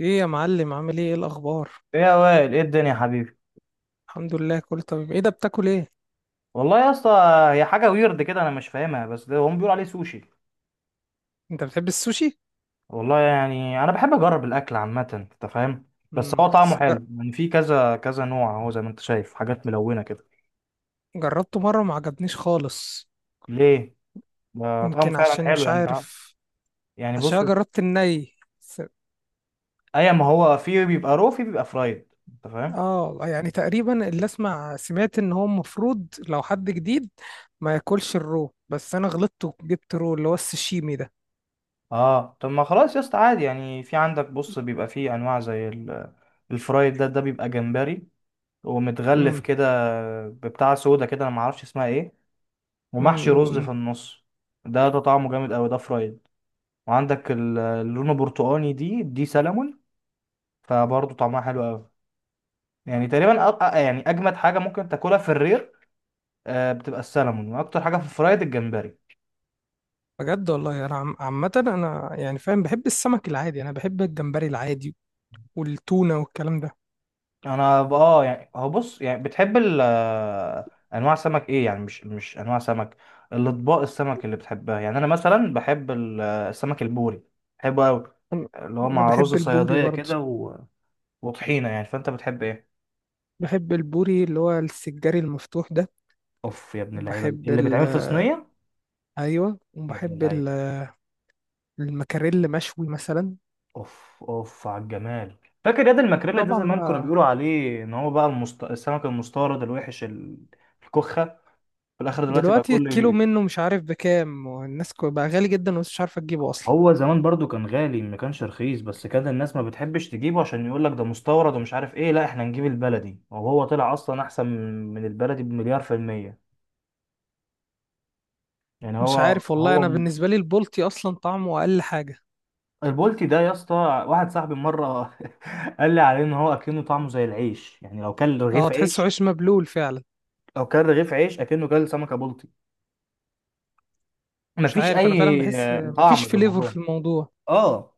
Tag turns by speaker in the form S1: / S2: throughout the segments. S1: ايه يا معلم؟ عامل ايه؟ ايه الاخبار؟
S2: ايه يا وائل، ايه الدنيا يا حبيبي.
S1: الحمد لله، كله تمام. ايه ده بتاكل ايه؟
S2: والله يا اسطى، هي حاجه ويرد كده، انا مش فاهمها، بس ده هم بيقولوا عليه سوشي.
S1: انت بتحب السوشي؟
S2: والله يعني انا بحب اجرب الاكل عامه، انت فاهم. بس
S1: امم
S2: هو
S1: بس
S2: طعمه
S1: جر-
S2: حلو، يعني في كذا كذا نوع، اهو زي ما انت شايف حاجات ملونه كده.
S1: جربته مره، ما عجبنيش خالص.
S2: ليه؟ ده طعمه
S1: يمكن
S2: فعلا
S1: عشان
S2: حلو،
S1: مش
S2: يعني
S1: عارف.
S2: يعني
S1: عشان
S2: بص.
S1: أنا جربت الني س-
S2: اي ما هو في بيبقى رو، في بيبقى فرايد، انت فاهم.
S1: اه، يعني تقريبا اللي اسمع سمعت ان هو المفروض لو حد جديد ما ياكلش الرو، بس انا غلطت وجبت رو اللي هو السشيمي ده.
S2: اه طب ما خلاص يا اسطى، عادي يعني، في عندك بص بيبقى في انواع زي الفرايد، ده بيبقى جمبري ومتغلف
S1: امم.
S2: كده، ببتاع سودا كده، انا ما اعرفش اسمها ايه، ومحشي رز
S1: امم.
S2: في النص. ده طعمه جامد قوي، ده فرايد. وعندك اللون البرتقاني دي سلمون، فبرضه طعمها حلو قوي. يعني تقريبا يعني اجمد حاجه ممكن تاكلها في الرير. بتبقى السلمون، واكتر حاجه في الفرايد الجمبري.
S1: بجد والله، انا عامه انا يعني فاهم، بحب السمك العادي، انا بحب الجمبري العادي والتونه والكلام ده.
S2: انا ب- اه يعني هو بص، يعني بتحب ال آه، انواع سمك ايه، يعني مش انواع سمك، الاطباق السمك اللي بتحبها، يعني انا مثلا بحب السمك البوري، بحبه قوي.
S1: انا
S2: اللي هو
S1: أنا
S2: مع رز
S1: بحب البوري
S2: صياديه
S1: برضه.
S2: كده وطحينه، يعني فانت بتحب ايه؟
S1: بحب البوري اللي هو السجاري المفتوح ده.
S2: اوف، يا ابن اللعيبه
S1: وبحب
S2: اللي
S1: ال
S2: بيتعمل في صينيه.
S1: ايوه
S2: يا ابن
S1: وبحب ال-
S2: اللعيبه.
S1: المكاريل مشوي مثلا.
S2: اوف اوف على الجمال. فاكر ياد الماكريلا ده
S1: طبعا
S2: زمان كانوا
S1: بقى.
S2: بيقولوا عليه ان هو بقى السمك المستورد الوحش، الكخه، في الاخر. دلوقتي بقى
S1: دلوقتي
S2: كله
S1: الكيلو منه مش عارف بكام، بقى غالي جدا ومش عارفه تجيبه اصلا.
S2: هو زمان برضو كان غالي، ما كانش رخيص، بس كان الناس ما بتحبش تجيبه، عشان يقول لك ده مستورد ومش عارف ايه، لا احنا نجيب البلدي، وهو طلع اصلا احسن من البلدي بمليار في المية. يعني
S1: مش
S2: هو
S1: عارف والله،
S2: هو.
S1: انا بالنسبه لي البلطي اصلا طعمه اقل حاجه.
S2: البولتي ده يا اسطى، واحد صاحبي مره قال لي عليه ان هو اكنه طعمه زي العيش، يعني لو كل
S1: اه،
S2: رغيف
S1: تحسه
S2: عيش،
S1: عيش مبلول فعلا.
S2: لو كل رغيف عيش اكنه كل سمكه بلطي.
S1: مش
S2: مفيش
S1: عارف، انا فعلا
S2: اي
S1: بحس مفيش
S2: طعم في
S1: فليفر في
S2: الموضوع،
S1: الموضوع.
S2: اه.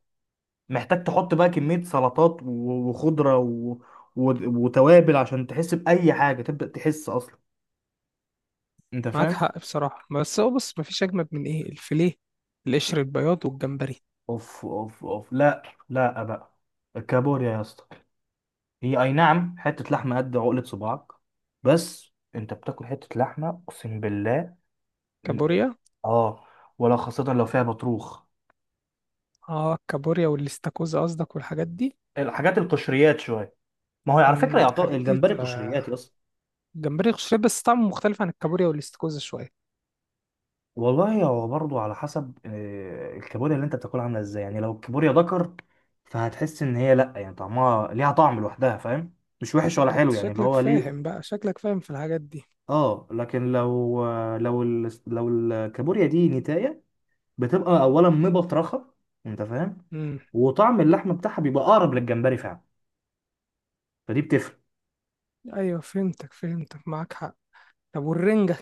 S2: محتاج تحط بقى كميه سلطات و- وخضره و... وتوابل عشان تحس باي حاجه، تبدا تحس اصلا، انت
S1: معاك
S2: فاهم.
S1: حق بصراحه، بس هو بص، مفيش اجمد من ايه الفيليه، القشر البياض والجمبري.
S2: اوف اوف اوف، لا، لا بقى. الكابوريا يا اسطى، هي اي نعم حته لحمه قد عقله صباعك، بس انت بتاكل حته لحمه، اقسم بالله.
S1: كابوريا.
S2: اه، ولا خاصة لو فيها بطروخ.
S1: اه، الكابوريا والاستاكوزا قصدك والحاجات دي.
S2: الحاجات القشريات شوية. ما هو على فكرة
S1: الحاجات دي
S2: الجمبري
S1: تبقى
S2: قشريات يا اسطى.
S1: جمبري قشري بس طعمه مختلف عن الكابوريا والاستاكوزا شويه.
S2: والله هو برضو على حسب، الكابوريا اللي انت بتاكلها عاملة ازاي، يعني لو الكابوريا ذكر فهتحس ان هي، لا يعني طعمها ليها طعم لوحدها، فاهم، مش وحش ولا
S1: ده انت
S2: حلو، يعني اللي
S1: شكلك
S2: هو
S1: فاهم
S2: ليه.
S1: بقى، شكلك فاهم في الحاجات دي.
S2: اه، لكن لو لو الكابوريا دي نتاية، بتبقى اولا مبطرخة، انت فاهم،
S1: امم.
S2: وطعم اللحم بتاعها بيبقى اقرب للجمبري فعلا، فدي بتفرق.
S1: ايوه، فهمتك فهمتك، معاك حق. طب والرنجه؟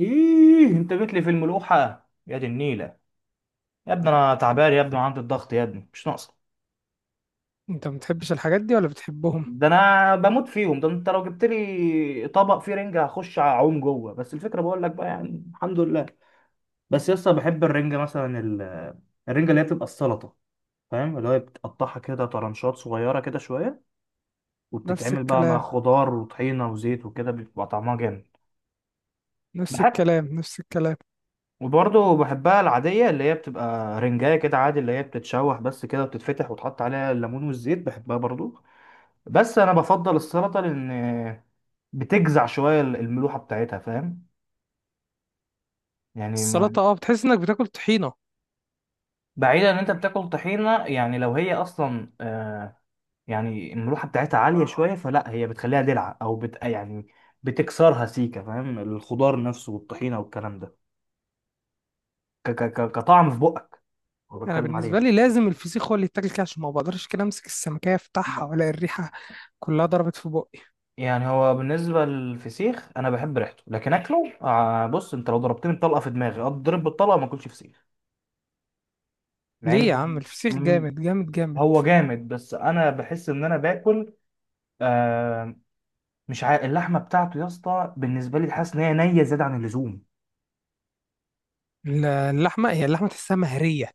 S2: ايه انت جيت لي في الملوحه؟ يا دي النيله، يا ابني انا تعبان يا ابني، وعندي الضغط يا ابني، مش ناقصه.
S1: انت ما بتحبش الحاجات دي ولا بتحبهم؟
S2: ده انا بموت فيهم، ده انت لو جبت لي طبق فيه رنجه هخش اعوم جوه، بس الفكره بقول لك بقى يعني، الحمد لله. بس يسطا بحب الرنجه، مثلا الرنجه اللي هي بتبقى السلطه، فاهم، اللي هي بتقطعها كده طرنشات صغيره كده شويه،
S1: نفس
S2: وبتتعمل بقى مع
S1: الكلام،
S2: خضار وطحينه وزيت وكده، بيبقى طعمها جامد.
S1: نفس
S2: بحب.
S1: الكلام، نفس الكلام.
S2: وبرضه بحبها العادية، اللي هي بتبقى رنجاية كده عادي، اللي هي بتتشوح بس كده وبتتفتح وتحط عليها الليمون والزيت، بحبها برضه. بس أنا بفضل السلطة، لأن بتجزع شوية الملوحة بتاعتها، فاهم؟ يعني ما
S1: السلطه، اه، بتحس انك بتاكل طحينه.
S2: بعيدا إن أنت بتاكل طحينة، يعني لو هي أصلا يعني الملوحة بتاعتها عالية شوية، فلا هي بتخليها دلع أو يعني بتكسرها سيكة، فاهم، الخضار نفسه والطحينة والكلام ده، كطعم في بقك أنا
S1: انا
S2: بتكلم
S1: بالنسبه
S2: عليه.
S1: لي لازم الفسيخ هو اللي يتاكل كده، عشان ما بقدرش كده امسك السمكيه افتحها، ولا الريحه كلها ضربت في بقي.
S2: يعني هو بالنسبة للفسيخ، أنا بحب ريحته لكن أكله بص، أنت لو ضربتني بطلقة في دماغي أضرب بالطلقة ما أكلش فسيخ، مع
S1: ليه يا عم؟
S2: إن
S1: الفسيخ
S2: م-
S1: جامد جامد جامد.
S2: هو جامد، بس أنا بحس إن أنا باكل آه مش عارف، اللحمة بتاعته يا اسطى بالنسبة لي حاسس إن هي نية زيادة عن اللزوم.
S1: اللحمة، هي اللحمة تحسها مهرية.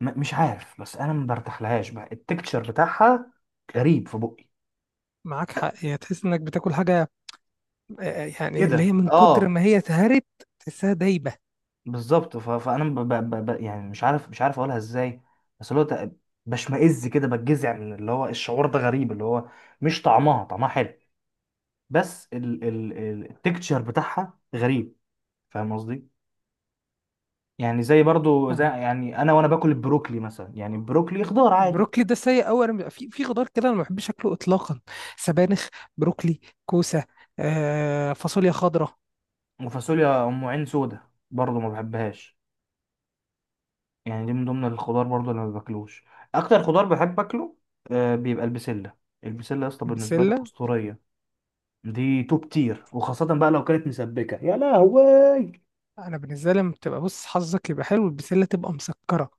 S2: مش عارف، بس أنا ما برتاحلهاش بقى التكتشر بتاعها، غريب في بقي
S1: معاك حق، هي تحس انك بتاكل حاجة، يعني اللي هي
S2: كده،
S1: من كتر
S2: اه.
S1: ما هي اتهرت، تحسها دايبة.
S2: بالظبط، فانا ب... ب... ب... يعني مش عارف اقولها ازاي. بس بشمئز كده، بتجزع من اللي هو الشعور ده غريب، اللي هو مش طعمها حلو، بس التكتشر بتاعها غريب، فاهم قصدي؟ يعني زي برضو زي،
S1: فاهمك.
S2: يعني انا وانا باكل البروكلي مثلا، يعني البروكلي خضار عادي،
S1: بروكلي ده سيء أوي. في خضار كده أنا ما بحبش أكله إطلاقا. سبانخ، بروكلي، كوسة، فاصوليا خضراء.
S2: وفاصوليا ام عين سودا برضو ما بحبهاش، يعني دي من ضمن الخضار برضو اللي ما باكلوش. اكتر خضار بحب اكله بيبقى البسله. البسله يا اسطى بالنسبه لي
S1: البسلة.
S2: اسطوريه، دي توب تير، وخاصة بقى لو كانت مسبكة، يا لهوي.
S1: أنا بالنسبة لي لما بتبقى، بص، حظك يبقى حلو البسلة تبقى مسكرة.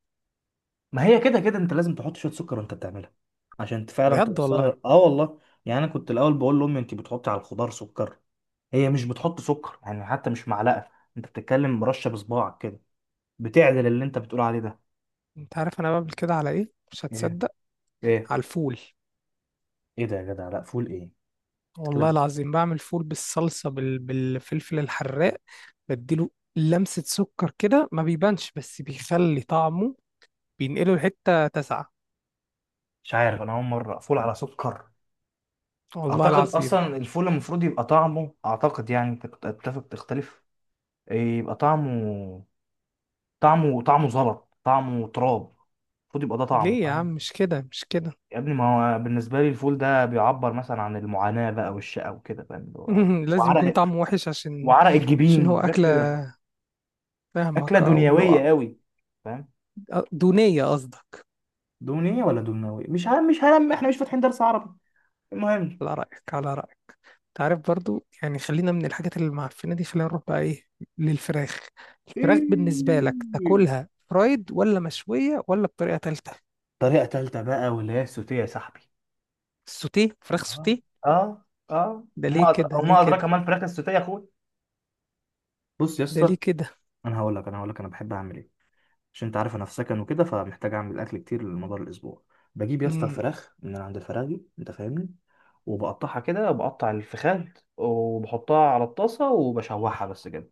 S2: ما هي كده كده انت لازم تحط شوية سكر وانت بتعملها عشان فعلا
S1: بجد والله.
S2: توصلها، اه والله، يعني انا كنت الاول بقول لامي انت بتحطي على الخضار سكر؟ هي مش بتحط سكر يعني، حتى مش معلقة، انت بتتكلم مرشة بصباعك كده، بتعدل اللي انت بتقول عليه ده.
S1: أنت عارف أنا بعمل كده على إيه؟ مش
S2: ايه
S1: هتصدق.
S2: ايه
S1: على الفول.
S2: ايه ده يا جدع، لا فول ايه؟ انت كده
S1: والله العظيم، بعمل فول بالصلصة، بالفلفل الحراق. بديله لمسة سكر كده، ما بيبانش بس بيخلي طعمه، بينقله لحتة تسعة.
S2: مش عارف، انا اول مرة فول على سكر.
S1: والله
S2: اعتقد
S1: العظيم.
S2: اصلا الفول المفروض يبقى طعمه، اعتقد يعني، انت كنت اتفق تختلف، إيه، يبقى طعمه، طعمه طعمه زلط، طعمه تراب، المفروض يبقى ده طعمه،
S1: ليه يا عم؟
S2: فاهم.
S1: مش كده، مش كده.
S2: يا ابني ما هو بالنسبه لي الفول ده بيعبر مثلا عن المعاناه بقى والشقه وكده، فاهم،
S1: لازم يكون
S2: وعرق
S1: طعمه وحش عشان،
S2: وعرق
S1: عشان
S2: الجبين
S1: هو
S2: وحاجات
S1: أكلة.
S2: كده، اكله
S1: فاهمك، أو اللي
S2: دنيويه
S1: هو.
S2: قوي، فاهم.
S1: دونية قصدك.
S2: دونية ولا دونوية مش عارف، مش هلم، احنا مش فاتحين درس عربي، المهم.
S1: على رأيك، على رأيك. تعرف، برضو يعني خلينا من الحاجات اللي معفنة دي، خلينا نروح بقى إيه؟ للفراخ. الفراخ بالنسبة لك
S2: إيه.
S1: تاكلها فرايد ولا مشوية ولا بطريقة تالتة؟
S2: طريقه تالته بقى، واللي هي السوتيه يا صاحبي.
S1: السوتيه؟ فراخ
S2: آه.
S1: سوتيه؟
S2: اه، اه
S1: ده ليه
S2: وما
S1: كده؟ ليه
S2: وما ادراك
S1: كده؟
S2: ما الفراخ السوتيه يا اخويا. بص يا
S1: ده
S2: اسطى،
S1: ليه كده؟
S2: انا هقول لك، انا بحب اعمل ايه، عشان انت عارف انا في سكن وكده، فمحتاج اعمل اكل كتير لمدار الاسبوع. بجيب يا اسطى
S1: امم.
S2: الفراخ من عند الفراخي، انت فاهمني، وبقطعها كده، بقطع الفخاد وبحطها على الطاسه وبشوحها بس كده،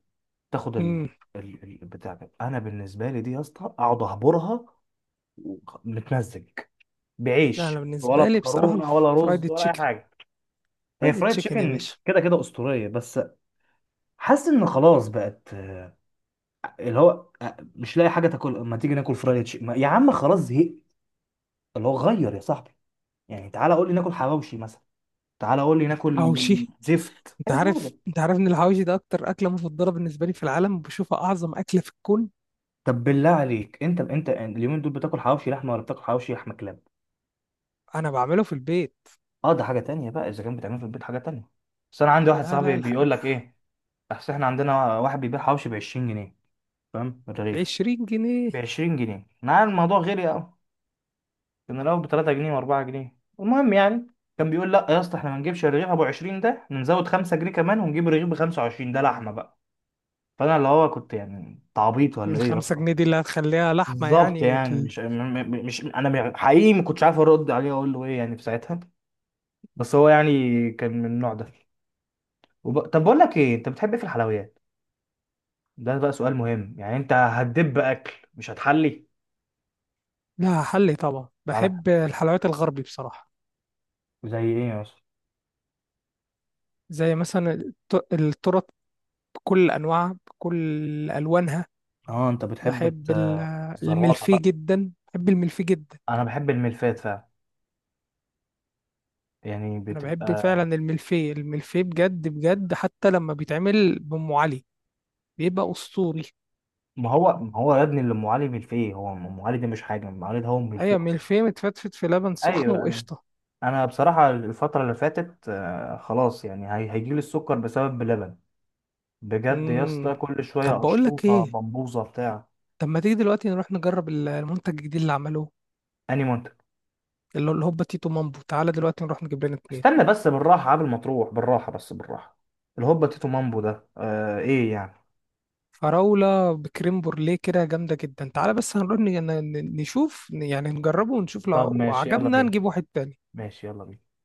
S2: تاخد
S1: امم.
S2: بتاع ده. انا بالنسبه لي دي يا اسطى اقعد اهبرها، متمزج،
S1: لا، انا
S2: بعيش ولا
S1: بالنسبه لي بصراحه
S2: مكرونه ولا رز
S1: الفرايد
S2: ولا اي
S1: تشيكن.
S2: حاجه. هي
S1: فرايد
S2: فرايد
S1: تشيكن يا
S2: تشيكن
S1: باشا.
S2: كده كده اسطوريه، بس حاسس ان خلاص بقت اللي هو مش لاقي حاجه تاكل، ما تيجي ناكل فرايد تشيكن يا عم خلاص، زهقت. اللي هو غير يا صاحبي، يعني تعالى قول لي ناكل حواوشي مثلا، تعالى قول لي ناكل
S1: حواوشي.
S2: زفت
S1: انت
S2: اي حاجه.
S1: عارف انت عارف ان الحواوشي ده اكتر اكله مفضله بالنسبه لي في العالم، وبشوفها اعظم اكله في الكون.
S2: طب بالله عليك انت اليومين دول بتاكل حواوشي لحمه ولا بتاكل حواوشي لحمه كلاب؟
S1: انا بعمله في البيت.
S2: اه، ده حاجه تانية بقى، اذا كان بتعمل في البيت حاجه تانية. بس انا عندي واحد
S1: لا، لا،
S2: صاحبي بيقول لك ايه، اصل احنا عندنا واحد بيبيع حواوشي ب 20 جنيه، فاهم، من الرغيف.
S1: 20 جنيه.
S2: ب 20 جنيه، انا عارف الموضوع غالي قوي، كان الاول ب 3 جنيه و4 جنيه، المهم يعني كان بيقول لا يا اسطى احنا ما نجيبش الرغيف ابو 20 ده، نزود 5 جنيه كمان ونجيب الرغيف ب 25، ده لحمه بقى. فانا اللي هو كنت يعني تعبيط ولا ايه يا
S1: الخمسة
S2: اسطى؟
S1: جنيه دي اللي هتخليها لحمة
S2: بالظبط،
S1: يعني
S2: يعني مش م- م- مش انا حقيقي ما كنتش عارف ارد عليه، اقول له ايه يعني في ساعتها، بس هو يعني كان من النوع ده. طب بقول لك ايه، انت بتحب ايه في الحلويات؟ ده بقى سؤال مهم، يعني انت هتدب اكل مش هتحلي
S1: لا، حلي طبعا،
S2: على حاجة.
S1: بحب الحلويات الغربي بصراحة.
S2: زي ايه يا اسطى؟
S1: زي مثلا الترط بكل أنواعها، بكل ألوانها.
S2: اه، انت بتحب
S1: بحب ال-
S2: الزرواطه
S1: الملفيه
S2: بقى.
S1: جدا، بحب الملفيه جدا.
S2: انا بحب الملفات فعلا، يعني
S1: انا بحب
S2: بتبقى.
S1: فعلا الملفيه، الملفيه بجد بجد، حتى لما بيتعمل بأم علي بيبقى اسطوري.
S2: ما هو ما هو يا ابني، اللي ام علي ملفيه، هو ام علي ده مش حاجه، ام علي ده هو ملفيه
S1: ايوه،
S2: اصلا.
S1: ملفيه متفتفت في لبن سخن
S2: ايوه،
S1: وقشطه.
S2: انا بصراحه الفتره اللي فاتت خلاص يعني هيجيلي السكر بسبب بلبن، بجد يا
S1: امم.
S2: اسطى، كل
S1: طب
S2: شويه
S1: بقول لك
S2: اشطوطه
S1: ايه.
S2: بمبوزه بتاع.
S1: طب ما تيجي دلوقتي نروح نجرب المنتج الجديد اللي عملوه،
S2: اني منتج؟
S1: اللي هو الهوبا تيتو مامبو. تعالى دلوقتي نروح نجيب لنا 2.
S2: استنى بس، بالراحه، قبل ما تروح، بالراحه، بس بالراحه. الهوبا تيتو مامبو ده ايه يعني؟
S1: فراولة بكريم بورليه كده، جامدة جدا. تعالى بس هنروح نشوف يعني، نجربه ونشوف،
S2: طب
S1: لو
S2: ماشي يلا
S1: عجبنا
S2: بينا،
S1: نجيب واحد تاني.
S2: ماشي يلا بينا.